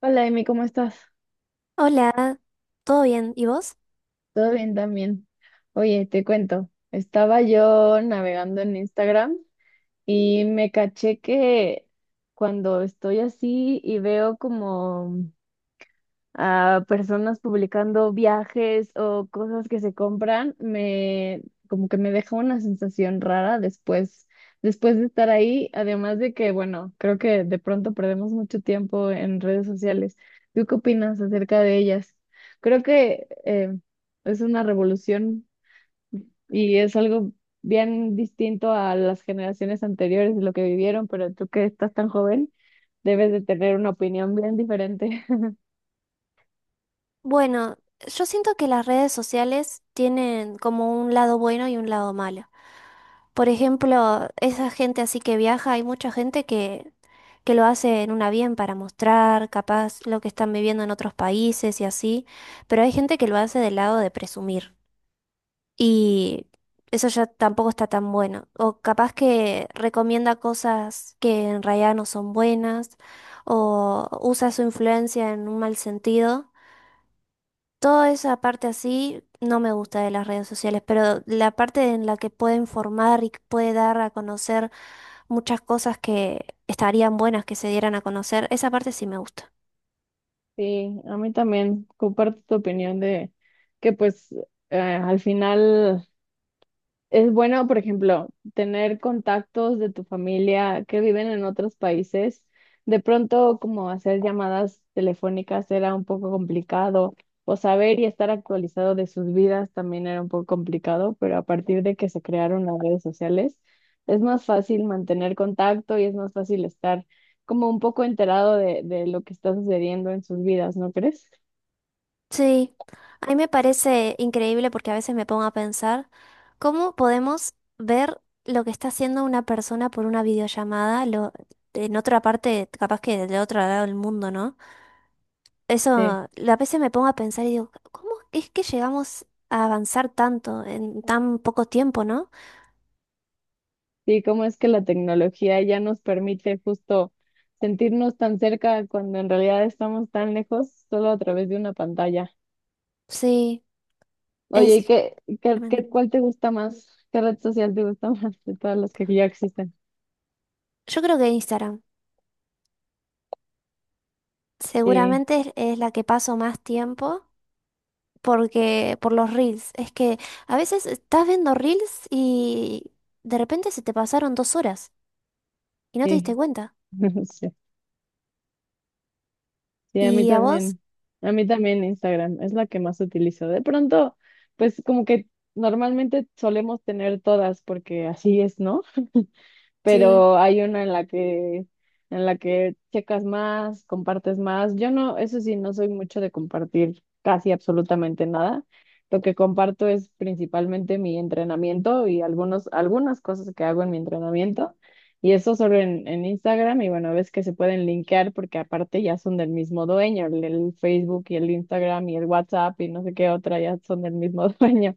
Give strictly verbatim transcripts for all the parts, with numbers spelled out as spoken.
Hola, Emi, ¿cómo estás? Hola, ¿todo bien? ¿Y vos? ¿Todo bien también? Oye, te cuento, estaba yo navegando en Instagram y me caché que cuando estoy así y veo como a personas publicando viajes o cosas que se compran, me como que me deja una sensación rara después, después de estar ahí, además de que, bueno, creo que de pronto perdemos mucho tiempo en redes sociales. ¿Tú qué opinas acerca de ellas? Creo que eh, es una revolución y es algo bien distinto a las generaciones anteriores de lo que vivieron, pero tú que estás tan joven, debes de tener una opinión bien diferente. Bueno, yo siento que las redes sociales tienen como un lado bueno y un lado malo. Por ejemplo, esa gente así que viaja, hay mucha gente que, que lo hace en un avión para mostrar, capaz, lo que están viviendo en otros países y así, pero hay gente que lo hace del lado de presumir. Y eso ya tampoco está tan bueno. O capaz que recomienda cosas que en realidad no son buenas, o usa su influencia en un mal sentido. Toda esa parte así no me gusta de las redes sociales, pero la parte en la que puede informar y que puede dar a conocer muchas cosas que estarían buenas que se dieran a conocer, esa parte sí me gusta. Sí, a mí también comparto tu opinión de que pues eh, al final. Es bueno, por ejemplo, tener contactos de tu familia que viven en otros países. De pronto, como hacer llamadas telefónicas era un poco complicado, o saber y estar actualizado de sus vidas también era un poco complicado, pero a partir de que se crearon las redes sociales, es más fácil mantener contacto y es más fácil estar como un poco enterado de, de lo que está sucediendo en sus vidas, ¿no crees? Sí, a mí me parece increíble porque a veces me pongo a pensar cómo podemos ver lo que está haciendo una persona por una videollamada lo, en otra parte, capaz que del otro lado del mundo, ¿no? Eso, Sí. a veces me pongo a pensar y digo, ¿cómo es que llegamos a avanzar tanto en tan poco tiempo, no? Sí, cómo es que la tecnología ya nos permite justo sentirnos tan cerca cuando en realidad estamos tan lejos solo a través de una pantalla. Sí, Oye, ¿y es qué, qué, tremendo. qué- cuál te gusta más? ¿Qué red social te gusta más de todas las que ya existen? Yo creo que Instagram Sí, seguramente es, es la que paso más tiempo. Porque por los reels. Es que a veces estás viendo reels y de repente se te pasaron dos horas y no te diste sí, cuenta. sí, sí, a mí ¿Y a vos? también. A mí también Instagram es la que más utilizo. De pronto, pues como que normalmente solemos tener todas porque así es, ¿no? Sí, Pero hay una en la que en la que checas más, compartes más. Yo no, eso sí, no soy mucho de compartir casi absolutamente nada. Lo que comparto es principalmente mi entrenamiento y algunos, algunas cosas que hago en mi entrenamiento. Y eso solo en, en Instagram. Y bueno, ves que se pueden linkear porque aparte ya son del mismo dueño. El, el Facebook y el Instagram y el WhatsApp y no sé qué otra ya son del mismo dueño.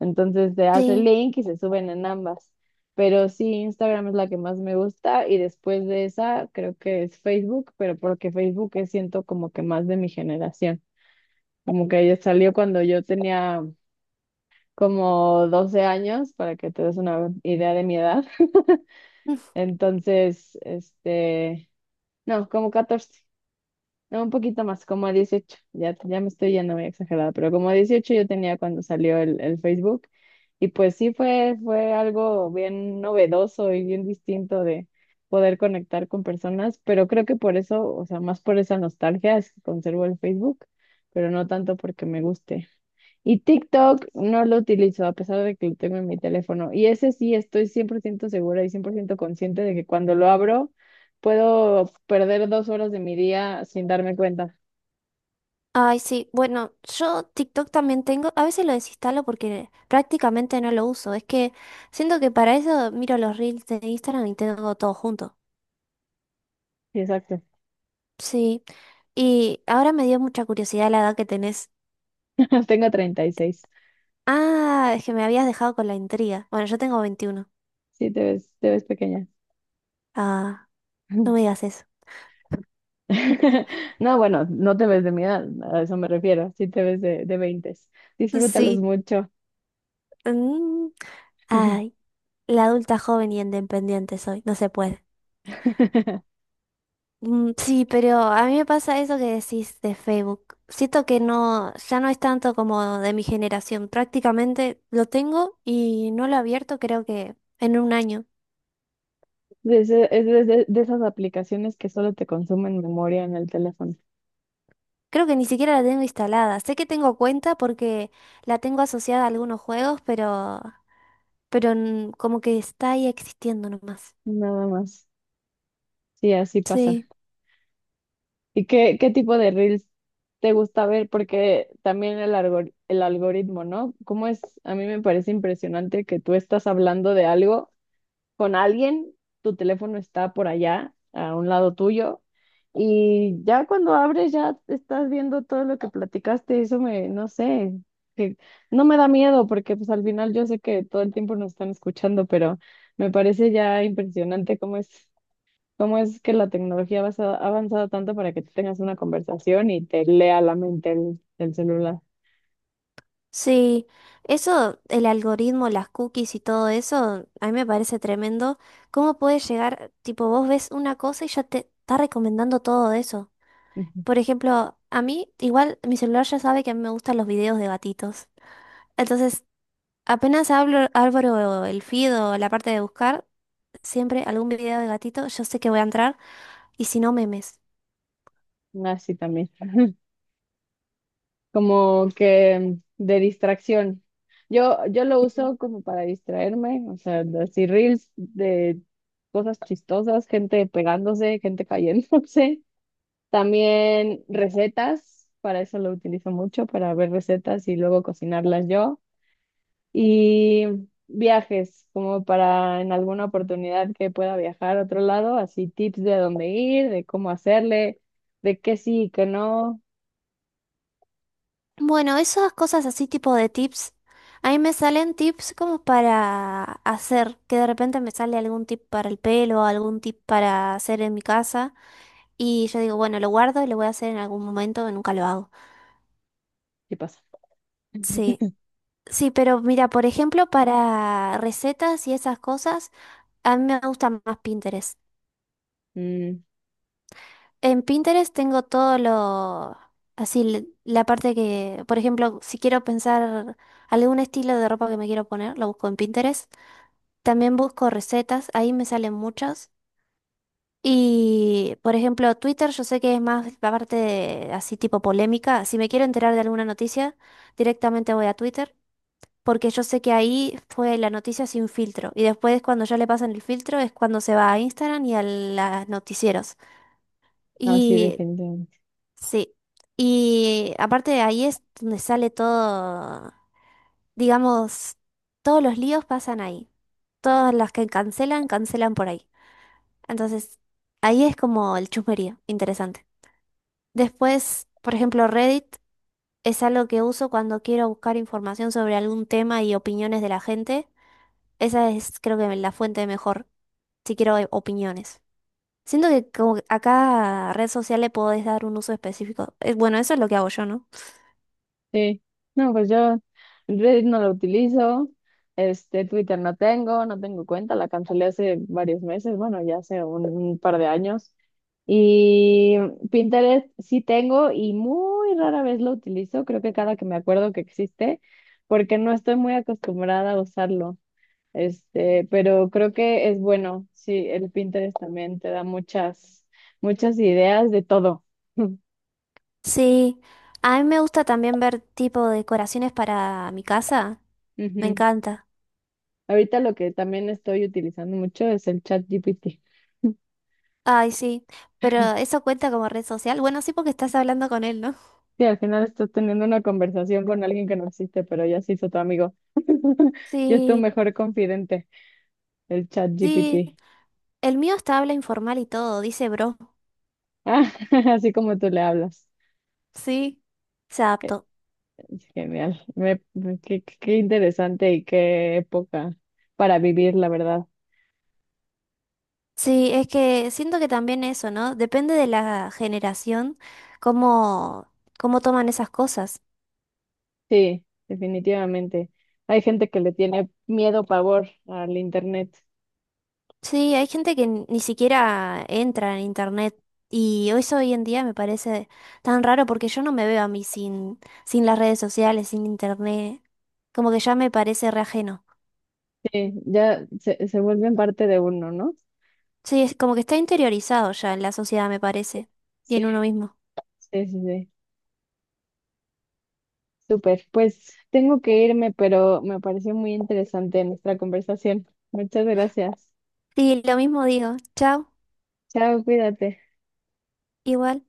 Entonces se hace el sí. link y se suben en ambas. Pero sí, Instagram es la que más me gusta y después de esa creo que es Facebook, pero porque Facebook es siento como que más de mi generación. Como que ella salió cuando yo tenía como doce años, para que te des una idea de mi edad. Mm. Entonces, este, no, como catorce. No, un poquito más, como a dieciocho. Ya, ya me estoy yendo muy exagerada, pero como a dieciocho yo tenía cuando salió el, el Facebook. Y pues sí fue, fue algo bien novedoso y bien distinto de poder conectar con personas, pero creo que por eso, o sea, más por esa nostalgia es que conservo el Facebook, pero no tanto porque me guste. Y TikTok no lo utilizo, a pesar de que lo tengo en mi teléfono. Y ese sí estoy cien por ciento segura y cien por ciento consciente de que cuando lo abro puedo perder dos horas de mi día sin darme cuenta. Ay, sí. Bueno, yo TikTok también tengo. A veces lo desinstalo porque prácticamente no lo uso. Es que siento que para eso miro los reels de Instagram y tengo todo junto. Sí, exacto. Sí. Y ahora me dio mucha curiosidad la edad que tenés. Tengo treinta y seis. Ah, es que me habías dejado con la intriga. Bueno, yo tengo veintiuno. Sí, te ves, te ves pequeña. Ah, no me digas eso. No, bueno, no te ves de mi edad, a eso me refiero. Sí te ves de, de veinte. Disfrútalos Sí. mucho. Mm. Ay, la adulta joven y independiente soy, no se puede. Mm, sí, pero a mí me pasa eso que decís de Facebook. Siento que no, ya no es tanto como de mi generación. Prácticamente lo tengo y no lo he abierto creo que en un año. De ese- es de de- de esas aplicaciones que solo te consumen memoria en el teléfono. Creo que ni siquiera la tengo instalada. Sé que tengo cuenta porque la tengo asociada a algunos juegos, pero, pero mm, como que está ahí existiendo nomás. Nada más. Sí, así pasa. Sí. ¿Y qué, qué tipo de reels te gusta ver? Porque también el algor- el algoritmo, ¿no? ¿Cómo es? A mí me parece impresionante que tú estás hablando de algo con alguien, tu teléfono está por allá, a un lado tuyo, y ya cuando abres ya estás viendo todo lo que platicaste, eso me, no sé, que no me da miedo porque pues al final yo sé que todo el tiempo nos están escuchando, pero me parece ya impresionante cómo es ¿Cómo es que la tecnología ha avanzado ha avanzado tanto para que tú tengas una conversación y te lea la mente el, el celular? Sí, eso, el algoritmo, las cookies y todo eso, a mí me parece tremendo. ¿Cómo puedes llegar, tipo, vos ves una cosa y ya te está recomendando todo eso? Ujú. Por ejemplo, a mí, igual mi celular ya sabe que a mí me gustan los videos de gatitos. Entonces, apenas abro, abro el feed o la parte de buscar, siempre algún video de gatito, yo sé que voy a entrar y si no, memes. Así también. Como que de distracción. Yo, yo lo uso como para distraerme, o sea, así reels de cosas chistosas, gente pegándose, gente cayéndose. También recetas, para eso lo utilizo mucho, para ver recetas y luego cocinarlas yo. Y viajes, como para en alguna oportunidad que pueda viajar a otro lado, así tips de dónde ir, de cómo hacerle, de qué sí y qué no, Bueno, esas cosas así tipo de tips, a mí me salen tips como para hacer, que de repente me sale algún tip para el pelo, algún tip para hacer en mi casa y yo digo, bueno, lo guardo y lo voy a hacer en algún momento, nunca lo hago. qué pasa. Sí, sí, pero mira, por ejemplo, para recetas y esas cosas, a mí me gusta más Pinterest. Mm, En Pinterest tengo todo lo, así, l- la parte que, por ejemplo, si quiero pensar algún estilo de ropa que me quiero poner, lo busco en Pinterest. También busco recetas, ahí me salen muchas. Y, por ejemplo, Twitter yo sé que es más la parte de- así tipo polémica. Si me quiero enterar de alguna noticia, directamente voy a Twitter, porque yo sé que ahí fue la noticia sin filtro. Y después cuando ya le pasan el filtro es cuando se va a Instagram y a los noticieros. no, sí, Y definitivamente. sí. Y aparte de ahí es donde sale todo, digamos, todos los líos pasan ahí. Todas las que cancelan, cancelan por ahí. Entonces, ahí es como el chusmerío, interesante. Después, por ejemplo, Reddit es algo que uso cuando quiero buscar información sobre algún tema y opiniones de la gente. Esa es, creo que, la fuente mejor, si quiero eh, opiniones. Siento que como que a cada red social le podés dar un uso específico. Eh, Bueno, eso es lo que hago yo, ¿no? Sí, no, pues yo Reddit no lo utilizo, este Twitter no tengo, no tengo, cuenta, la cancelé hace varios meses, bueno, ya hace un, un par de años. Y Pinterest sí tengo y muy rara vez lo utilizo, creo que cada que me acuerdo que existe, porque no estoy muy acostumbrada a usarlo. Este, pero creo que es bueno, sí, el Pinterest también te da muchas, muchas ideas de todo. Sí, a mí me gusta también ver tipo decoraciones para mi casa. Me Ujú. encanta. Ahorita lo que también estoy utilizando mucho es el chat G P T. Ay, sí. Pero eso cuenta como red social. Bueno, sí, porque estás hablando con él, ¿no? Sí, al final estás teniendo una conversación con alguien que no existe, pero ya se hizo tu amigo. Ya es tu Sí. mejor confidente, el chat Sí, G P T. el mío está habla informal y todo, dice bro. Ah, así como tú le hablas. Sí, se adaptó. Es genial. Me- me- qué, qué- qué interesante y qué época para vivir, la verdad. Sí, es que siento que también eso, ¿no? Depende de la generación, cómo, cómo toman esas cosas. Sí, definitivamente. Hay gente que le tiene miedo, pavor al internet. Sí, hay gente que ni ni siquiera entra en internet y eso hoy en día me parece tan raro porque yo no me veo a mí sin, sin las redes sociales, sin internet. Como que ya me parece re ajeno. Sí, ya se, se vuelven parte de uno, ¿no? Sí, es como que está interiorizado ya en la sociedad, me parece. Y Sí, en uno mismo. sí, sí, sí. Súper, pues tengo que irme, pero me pareció muy interesante nuestra conversación. Muchas gracias. Sí, lo mismo digo. Chao. Chao, cuídate. Igual.